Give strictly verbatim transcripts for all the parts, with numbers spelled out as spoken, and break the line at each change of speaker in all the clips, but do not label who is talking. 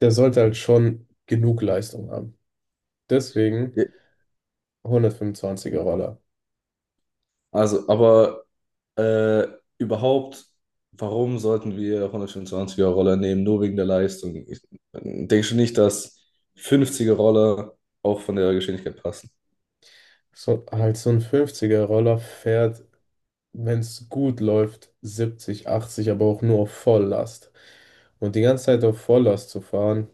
Der sollte halt schon genug Leistung haben. Deswegen
Ja,
hundertfünfundzwanziger Roller.
also, aber äh, überhaupt, warum sollten wir hundertfünfundzwanziger-Roller nehmen, nur wegen der Leistung? Ich äh, denke schon nicht, dass fünfziger-Roller auch von der Geschwindigkeit passen.
So, halt so ein fünfziger Roller fährt, wenn es gut läuft, siebzig, achtzig, aber auch nur auf Volllast. Und die ganze Zeit auf Volllast zu fahren,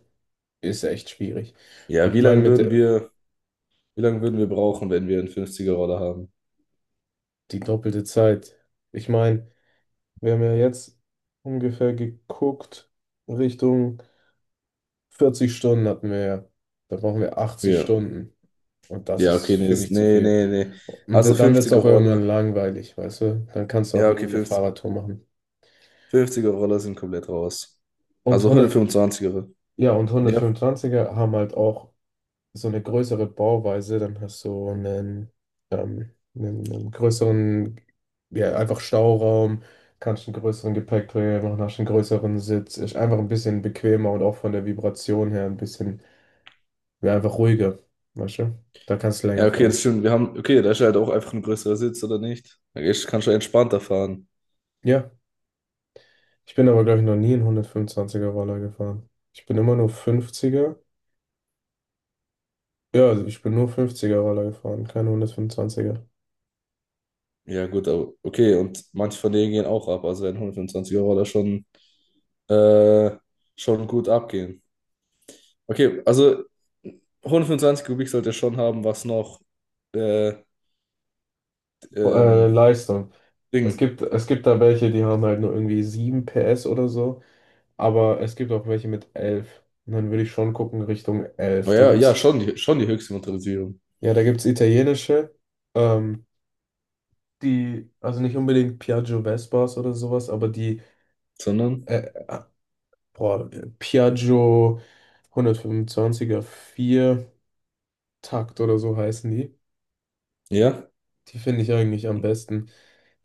ist echt schwierig. Und
Ja,
ich
wie
meine,
lange
mit
würden
der,
wir, wie lange würden wir brauchen, wenn wir einen fünfziger-Roller haben?
die doppelte Zeit. Ich meine, wir haben ja jetzt ungefähr geguckt, Richtung vierzig Stunden hatten wir ja. Da brauchen wir achtzig
Ja,
Stunden. Und das
ja, okay,
ist,
nee,
finde
ist-
ich, zu
nee,
viel.
nee, nee.
Und
Also
dann wird es auch irgendwann
fünfziger-Roller.
langweilig, weißt du? Dann kannst du auch
Ja,
lieber
okay,
eine
fünfzig,
Fahrradtour machen.
fünfziger-Roller sind komplett raus.
Und
Also
hundert,
hundertfünfundzwanziger.
ja, und hundertfünfundzwanziger haben halt auch so eine größere Bauweise. Dann hast du einen, ähm, einen, einen größeren, ja, einfach Stauraum, kannst einen größeren Gepäckträger machen, hast einen größeren Sitz. Ist einfach ein bisschen bequemer und auch von der Vibration her ein bisschen, ja, einfach ruhiger, weißt du? Da kannst du
Ja,
länger
okay, das
fahren.
stimmt. Wir haben, okay, da ist ja halt auch einfach ein größerer Sitz, oder nicht? Da gehst- kannst du entspannter fahren.
Ja, ich bin aber, glaube ich, noch nie einen hundertfünfundzwanziger er Roller gefahren. Ich bin immer nur fünfziger. Ja, also ich bin nur fünfziger-Roller gefahren, keine hundertfünfundzwanziger.
Ja, gut, aber okay, und manche von denen gehen auch ab. Also werden hundertfünfundzwanzig Euro da schon, äh, schon gut abgehen. Okay, also hundertfünfundzwanzig Kubik sollte schon haben, was noch äh,
Äh,
ähm,
Leistung. Es
Ding.
gibt, es gibt da welche, die haben halt nur irgendwie sieben P S oder so, aber es gibt auch welche mit elf. Und dann würde ich schon gucken Richtung elf. Da
Naja, ja, ja,
gibt's,
schon die, schon die höchste Motorisierung.
ja, da gibt's italienische, ähm, die, also nicht unbedingt Piaggio Vespas oder sowas, aber die,
Sondern,
äh, äh, boah, Piaggio hundertfünfundzwanziger vier Takt oder so heißen die.
ja,
Die finde ich eigentlich am besten.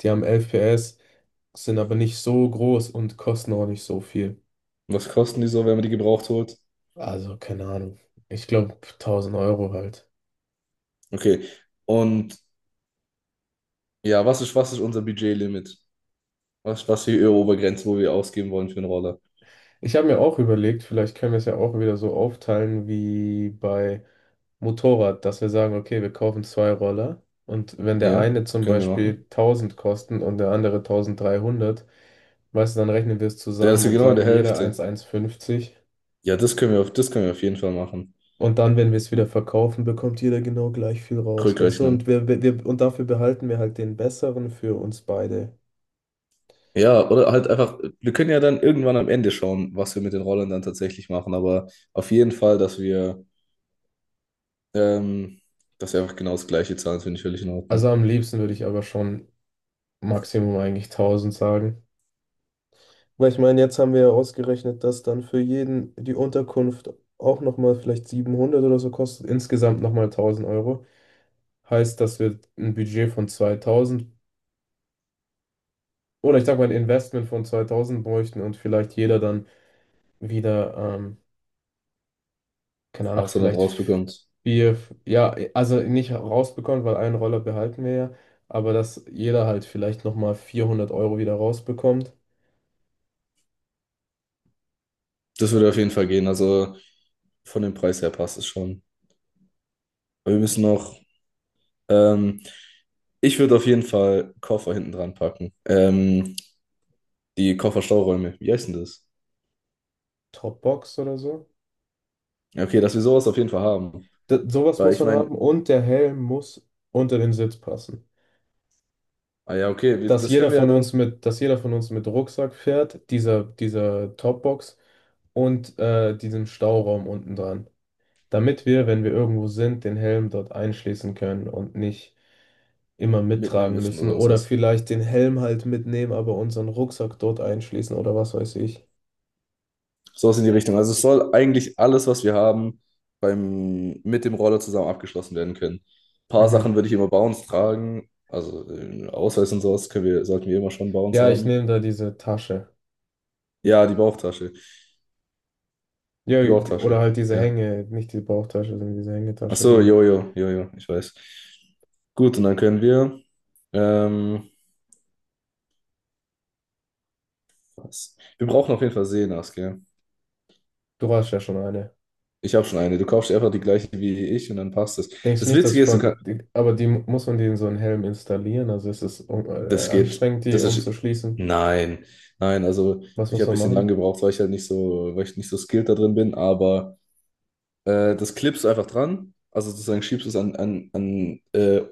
Die haben elf P S, sind aber nicht so groß und kosten auch nicht so viel.
was kosten die so, wenn man die gebraucht holt?
Also keine Ahnung. Ich glaube tausend Euro halt.
Okay. Und ja, was ist, was ist unser Budgetlimit? Was, was die Euro-Obergrenze, wo wir ausgeben wollen für einen Roller.
Ich habe mir auch überlegt, vielleicht können wir es ja auch wieder so aufteilen wie bei Motorrad, dass wir sagen, okay, wir kaufen zwei Roller und wenn der
Ja,
eine zum
können wir
Beispiel
machen.
tausend kostet und der andere tausenddreihundert, weißt du, dann rechnen wir es
Der
zusammen
ist ja
und
genau in
sagen
der
jeder
Hälfte.
tausendeinhundertfünfzig,
Ja, das können wir auf, das können wir auf jeden Fall machen.
und dann, wenn wir es wieder verkaufen, bekommt jeder genau gleich viel raus, weißt du? Und
Rückrechnung.
wir, wir, wir, und dafür behalten wir halt den besseren für uns beide.
Ja, oder halt einfach, wir können ja dann irgendwann am Ende schauen, was wir mit den Rollern dann tatsächlich machen, aber auf jeden Fall, dass wir, ähm, dass wir einfach genau das gleiche zahlen, finde ich völlig in
Also
Ordnung.
am liebsten würde ich aber schon Maximum eigentlich tausend sagen. Weil ich meine, jetzt haben wir ja ausgerechnet, dass dann für jeden die Unterkunft auch nochmal vielleicht siebenhundert oder so kostet, insgesamt nochmal tausend Euro. Heißt, dass wir ein Budget von zweitausend oder ich sag mal ein Investment von zweitausend bräuchten und vielleicht jeder dann wieder, ähm, keine Ahnung,
achthundert
vielleicht
rausbekommt.
vier, ja, also nicht rausbekommt, weil einen Roller behalten wir ja, aber dass jeder halt vielleicht nochmal vierhundert Euro wieder rausbekommt.
Das würde auf jeden Fall gehen, also von dem Preis her passt es schon. Aber wir müssen noch, ähm, ich würde auf jeden Fall Koffer hinten dran packen. Ähm, Die Kofferstauräume. Wie heißt denn das?
Dropbox oder so.
Ja, okay, dass wir sowas auf jeden Fall haben.
D sowas
Weil
muss
ich
man
meine,
haben und der Helm muss unter den Sitz passen.
ah ja, okay, wir,
Dass
das
jeder
können wir ja
von
dann
uns mit, dass jeder von uns mit Rucksack fährt, dieser, dieser Topbox und äh, diesem Stauraum unten dran. Damit wir, wenn wir irgendwo sind, den Helm dort einschließen können und nicht immer
mitnehmen
mittragen
müssen
müssen
oder sonst
oder
was.
vielleicht den Helm halt mitnehmen, aber unseren Rucksack dort einschließen oder was weiß ich.
Sowas in die Richtung. Also es soll eigentlich alles, was wir haben, beim, mit dem Roller zusammen abgeschlossen werden können. Ein paar Sachen
Mhm.
würde ich immer bei uns tragen. Also äh, Ausweis und sowas können wir, sollten wir immer schon bei uns
Ja, ich
haben.
nehme da diese Tasche.
Ja, die Bauchtasche.
Ja,
Die
die- oder
Bauchtasche.
halt diese
Ja.
Hänge, nicht die Bauchtasche, sondern diese
Ach
Hängetasche,
so,
die,
jo, jo, jo, jo, ich weiß. Gut, und dann können wir. Ähm, Was? Wir brauchen auf jeden Fall Seenas, gell?
du hast ja schon eine.
Ich habe schon eine. Du kaufst dir einfach die gleiche wie ich und dann passt das.
Denkst du
Das
nicht, dass ich
Witzige ist, du
von,
kannst,
die- aber die muss man den so einen Helm installieren? Also ist es um, äh,
das geht,
anstrengend, die
das ist,
umzuschließen?
nein, nein, also
Was
ich
muss
habe ein
man
bisschen lang
machen?
gebraucht, weil ich halt nicht so, weil ich nicht so skilled da drin bin, aber äh, das klippst du einfach dran, also sozusagen schiebst du es an, an, an, äh,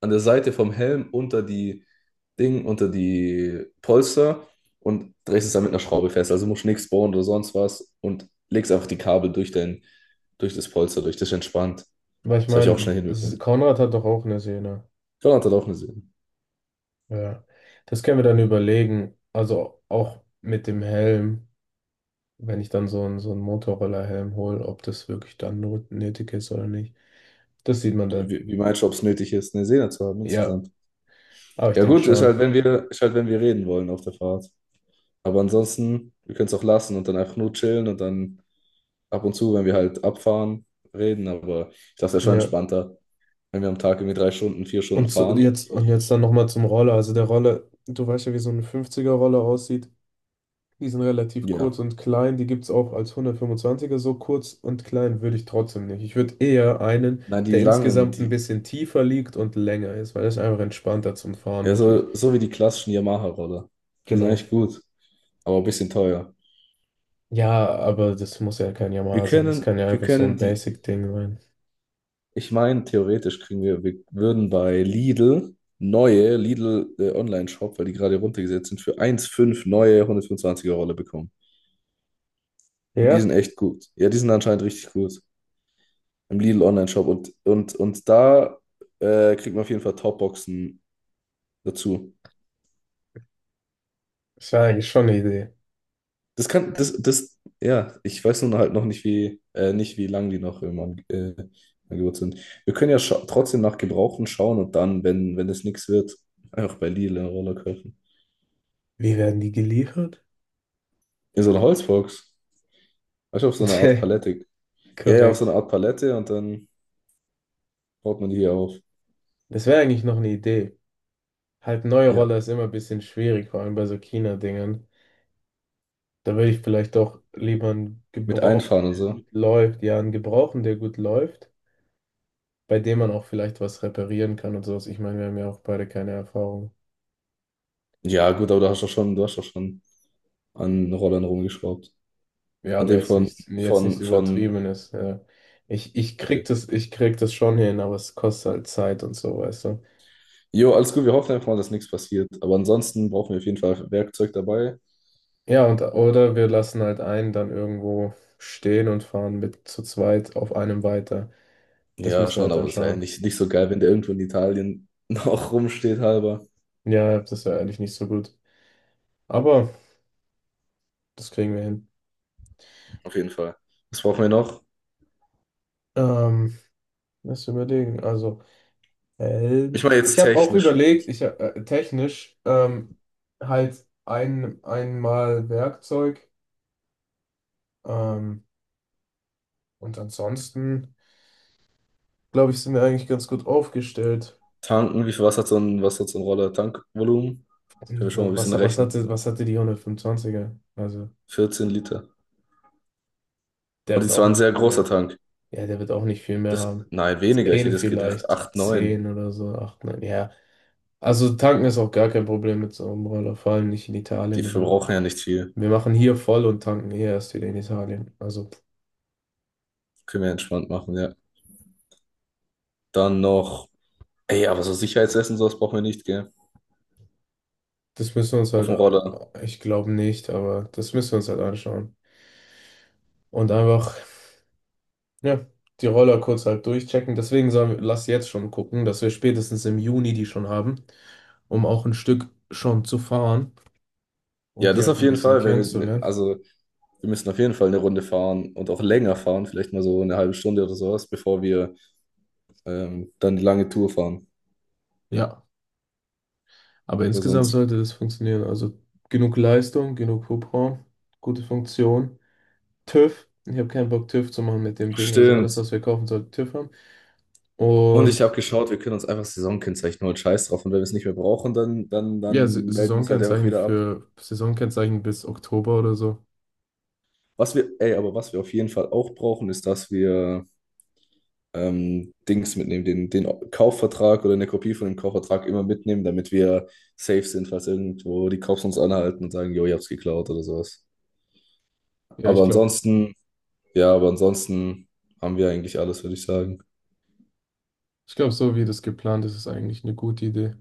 an der Seite vom Helm unter die Ding, unter die Polster und drehst es dann mit einer Schraube fest. Also musst nichts bohren oder sonst was und legst einfach die Kabel durch dein, durch das Polster durch, das ist entspannt.
Weil ich
Das habe ich auch schnell
meine, es
hinbekommen.
Konrad hat doch auch eine Sehne.
Schon hat auch eine Seele.
Ja, das können wir dann überlegen. Also auch mit dem Helm, wenn ich dann so einen, so einen Motorroller-Helm hole, ob das wirklich dann not- nötig ist oder nicht. Das sieht man dann.
Wie, wie meinst du, ob es nötig ist, eine Sehne zu haben
Ja,
insgesamt?
aber ich
Ja
denke
gut, ist
schon.
halt, wenn wir, ist halt, wenn wir reden wollen auf der Fahrt. Aber ansonsten, wir können es auch lassen und dann einfach nur chillen und dann ab und zu, wenn wir halt abfahren, reden. Aber ich dachte, es ist schon
Ja.
entspannter, wenn wir am Tag irgendwie drei Stunden, vier Stunden
Und so,
fahren.
jetzt, und jetzt dann nochmal zum Roller. Also der Roller, du weißt ja, wie so ein fünfziger-Roller aussieht. Die sind relativ kurz
Ja.
und klein. Die gibt es auch als hundertfünfundzwanziger so kurz und klein würde ich trotzdem nicht. Ich würde eher einen,
Nein, die
der
langen,
insgesamt ein
die,
bisschen tiefer liegt und länger ist, weil das ist einfach entspannter zum Fahren,
ja,
wirklich.
so, so wie die klassischen Yamaha-Roller. Die sind
Genau.
eigentlich gut, aber ein bisschen teuer.
Ja, aber das muss ja kein
Wir
Yamaha sein. Das kann
können,
ja
wir
einfach so
können
ein
die.
Basic-Ding sein.
Ich meine, theoretisch kriegen wir, wir würden bei Lidl neue Lidl äh, Online-Shop, weil die gerade runtergesetzt sind, für eins Komma fünf neue hundertfünfundzwanziger Rolle bekommen. Und die sind
Ja,
echt gut. Ja, die sind anscheinend richtig gut im Lidl Online-Shop. Und, und, und da äh, kriegt man auf jeden Fall Topboxen dazu.
das wäre eigentlich schon eine Idee.
Das kann, das, das, Ja, ich weiß nur halt noch nicht, wie, äh, nicht, wie lang die noch im An- äh, Angebot sind. Wir können ja scha- trotzdem nach Gebrauchten schauen und dann, wenn, wenn das nichts wird, einfach bei Lidl eine Rolle kaufen.
Wie werden die geliefert?
Ja, so ein Holzbox. Weißt du, auf so eine Art Palette.
Tja,
Ja, ja, auf so
korrekt.
eine Art Palette und dann baut man die hier auf.
Das wäre eigentlich noch eine Idee. Halt, neue
Ja,
Roller ist immer ein bisschen schwierig, vor allem bei so China-Dingern. Da würde ich vielleicht auch lieber einen
mit
Gebrauchten,
Einfahren und
der
so.
gut läuft. Ja, einen Gebrauchten, der gut läuft, bei dem man auch vielleicht was reparieren kann und sowas. Ich meine, wir haben ja auch beide keine Erfahrung.
Ja, gut, aber du hast doch schon, du hast doch schon an Rollern rumgeschraubt.
Ja,
An
aber
dem
jetzt
von,
nichts, jetzt nichts
von, von,
Übertriebenes. Ja. Ich, ich
okay.
krieg das, ich krieg das schon hin, aber es kostet halt Zeit und so, weißt du.
Jo, alles gut, wir hoffen einfach mal, dass nichts passiert. Aber ansonsten brauchen wir auf jeden Fall Werkzeug dabei.
Ja, und oder wir lassen halt einen dann irgendwo stehen und fahren mit zu zweit auf einem weiter. Das
Ja,
müssen wir
schon,
halt
aber
dann
es wäre ja
schauen.
nicht, nicht so geil, wenn der irgendwo in Italien noch rumsteht, halber.
Ja, das ist ja eigentlich nicht so gut. Aber das kriegen wir hin.
Auf jeden Fall. Was brauchen wir noch?
Ähm, Lass überlegen. Also, Helm.
Ich meine
Ich
jetzt
habe auch
technisch.
überlegt, ich hab, äh, technisch ähm, halt ein, einmal Werkzeug, ähm, und ansonsten, glaube ich, sind wir eigentlich ganz gut aufgestellt.
Tanken, wie viel Wasser hat so ein, was hat so ein Roller? Tankvolumen? Können wir schon mal ein
Was,
bisschen
was
rechnen.
hatte, was hatte die hundertfünfundzwanziger? Also,
vierzehn Liter.
der
Und
wird
die
auch
war ein
nicht
sehr
viel
großer
mehr.
Tank.
Ja, der wird auch nicht viel mehr
Das,
haben.
nein, weniger. Ich
Zehn
hätte es gedacht.
vielleicht,
acht, neun.
zehn oder so, acht, neun, ja. Also, tanken ist auch gar kein Problem mit so einem Roller, vor allem nicht in
Die
Italien oder so.
verbrauchen ja nicht viel.
Wir machen hier voll und tanken hier erst wieder in Italien. Also,
Können wir entspannt machen, ja. Dann noch. Ey, aber so Sicherheitsessen, sowas brauchen wir nicht, gell?
das müssen wir uns
Auf
halt,
dem Roller.
äh, ich glaube nicht, aber das müssen wir uns halt anschauen. Und einfach, ja, die Roller kurz halt durchchecken. Deswegen sagen wir, lass jetzt schon gucken, dass wir spätestens im Juni die schon haben, um auch ein Stück schon zu fahren, um
Ja,
die
das
halt
auf
ein
jeden
bisschen
Fall. Wenn wir,
kennenzulernen.
also, wir müssen auf jeden Fall eine Runde fahren und auch länger fahren. Vielleicht mal so eine halbe Stunde oder sowas, bevor wir ähm, dann die lange Tour fahren.
Ja, aber
Bei
insgesamt
sonst.
sollte das funktionieren. Also, genug Leistung, genug Hubraum, gute Funktion. TÜV. Ich habe keinen Bock, TÜV zu machen mit dem Ding. Also, alles,
Stimmt.
was wir kaufen, sollte TÜV haben.
Und ich habe
Und
geschaut, wir können uns einfach Saisonkennzeichen holen, scheiß drauf. Und wenn wir es nicht mehr brauchen, dann, dann,
ja, S
dann melden wir es halt einfach
Saisonkennzeichen
wieder ab.
für Saisonkennzeichen bis Oktober oder so.
Was wir, ey, aber was wir auf jeden Fall auch brauchen, ist, dass wir ähm, Dings mitnehmen, den, den Kaufvertrag oder eine Kopie von dem Kaufvertrag immer mitnehmen, damit wir safe sind, falls irgendwo die Cops uns anhalten und sagen, jo, ich hab's geklaut oder sowas.
Ja, ich
Aber
glaube,
ansonsten, ja, aber ansonsten haben wir eigentlich alles, würde ich sagen.
ich glaube, so wie das geplant ist, ist eigentlich eine gute Idee.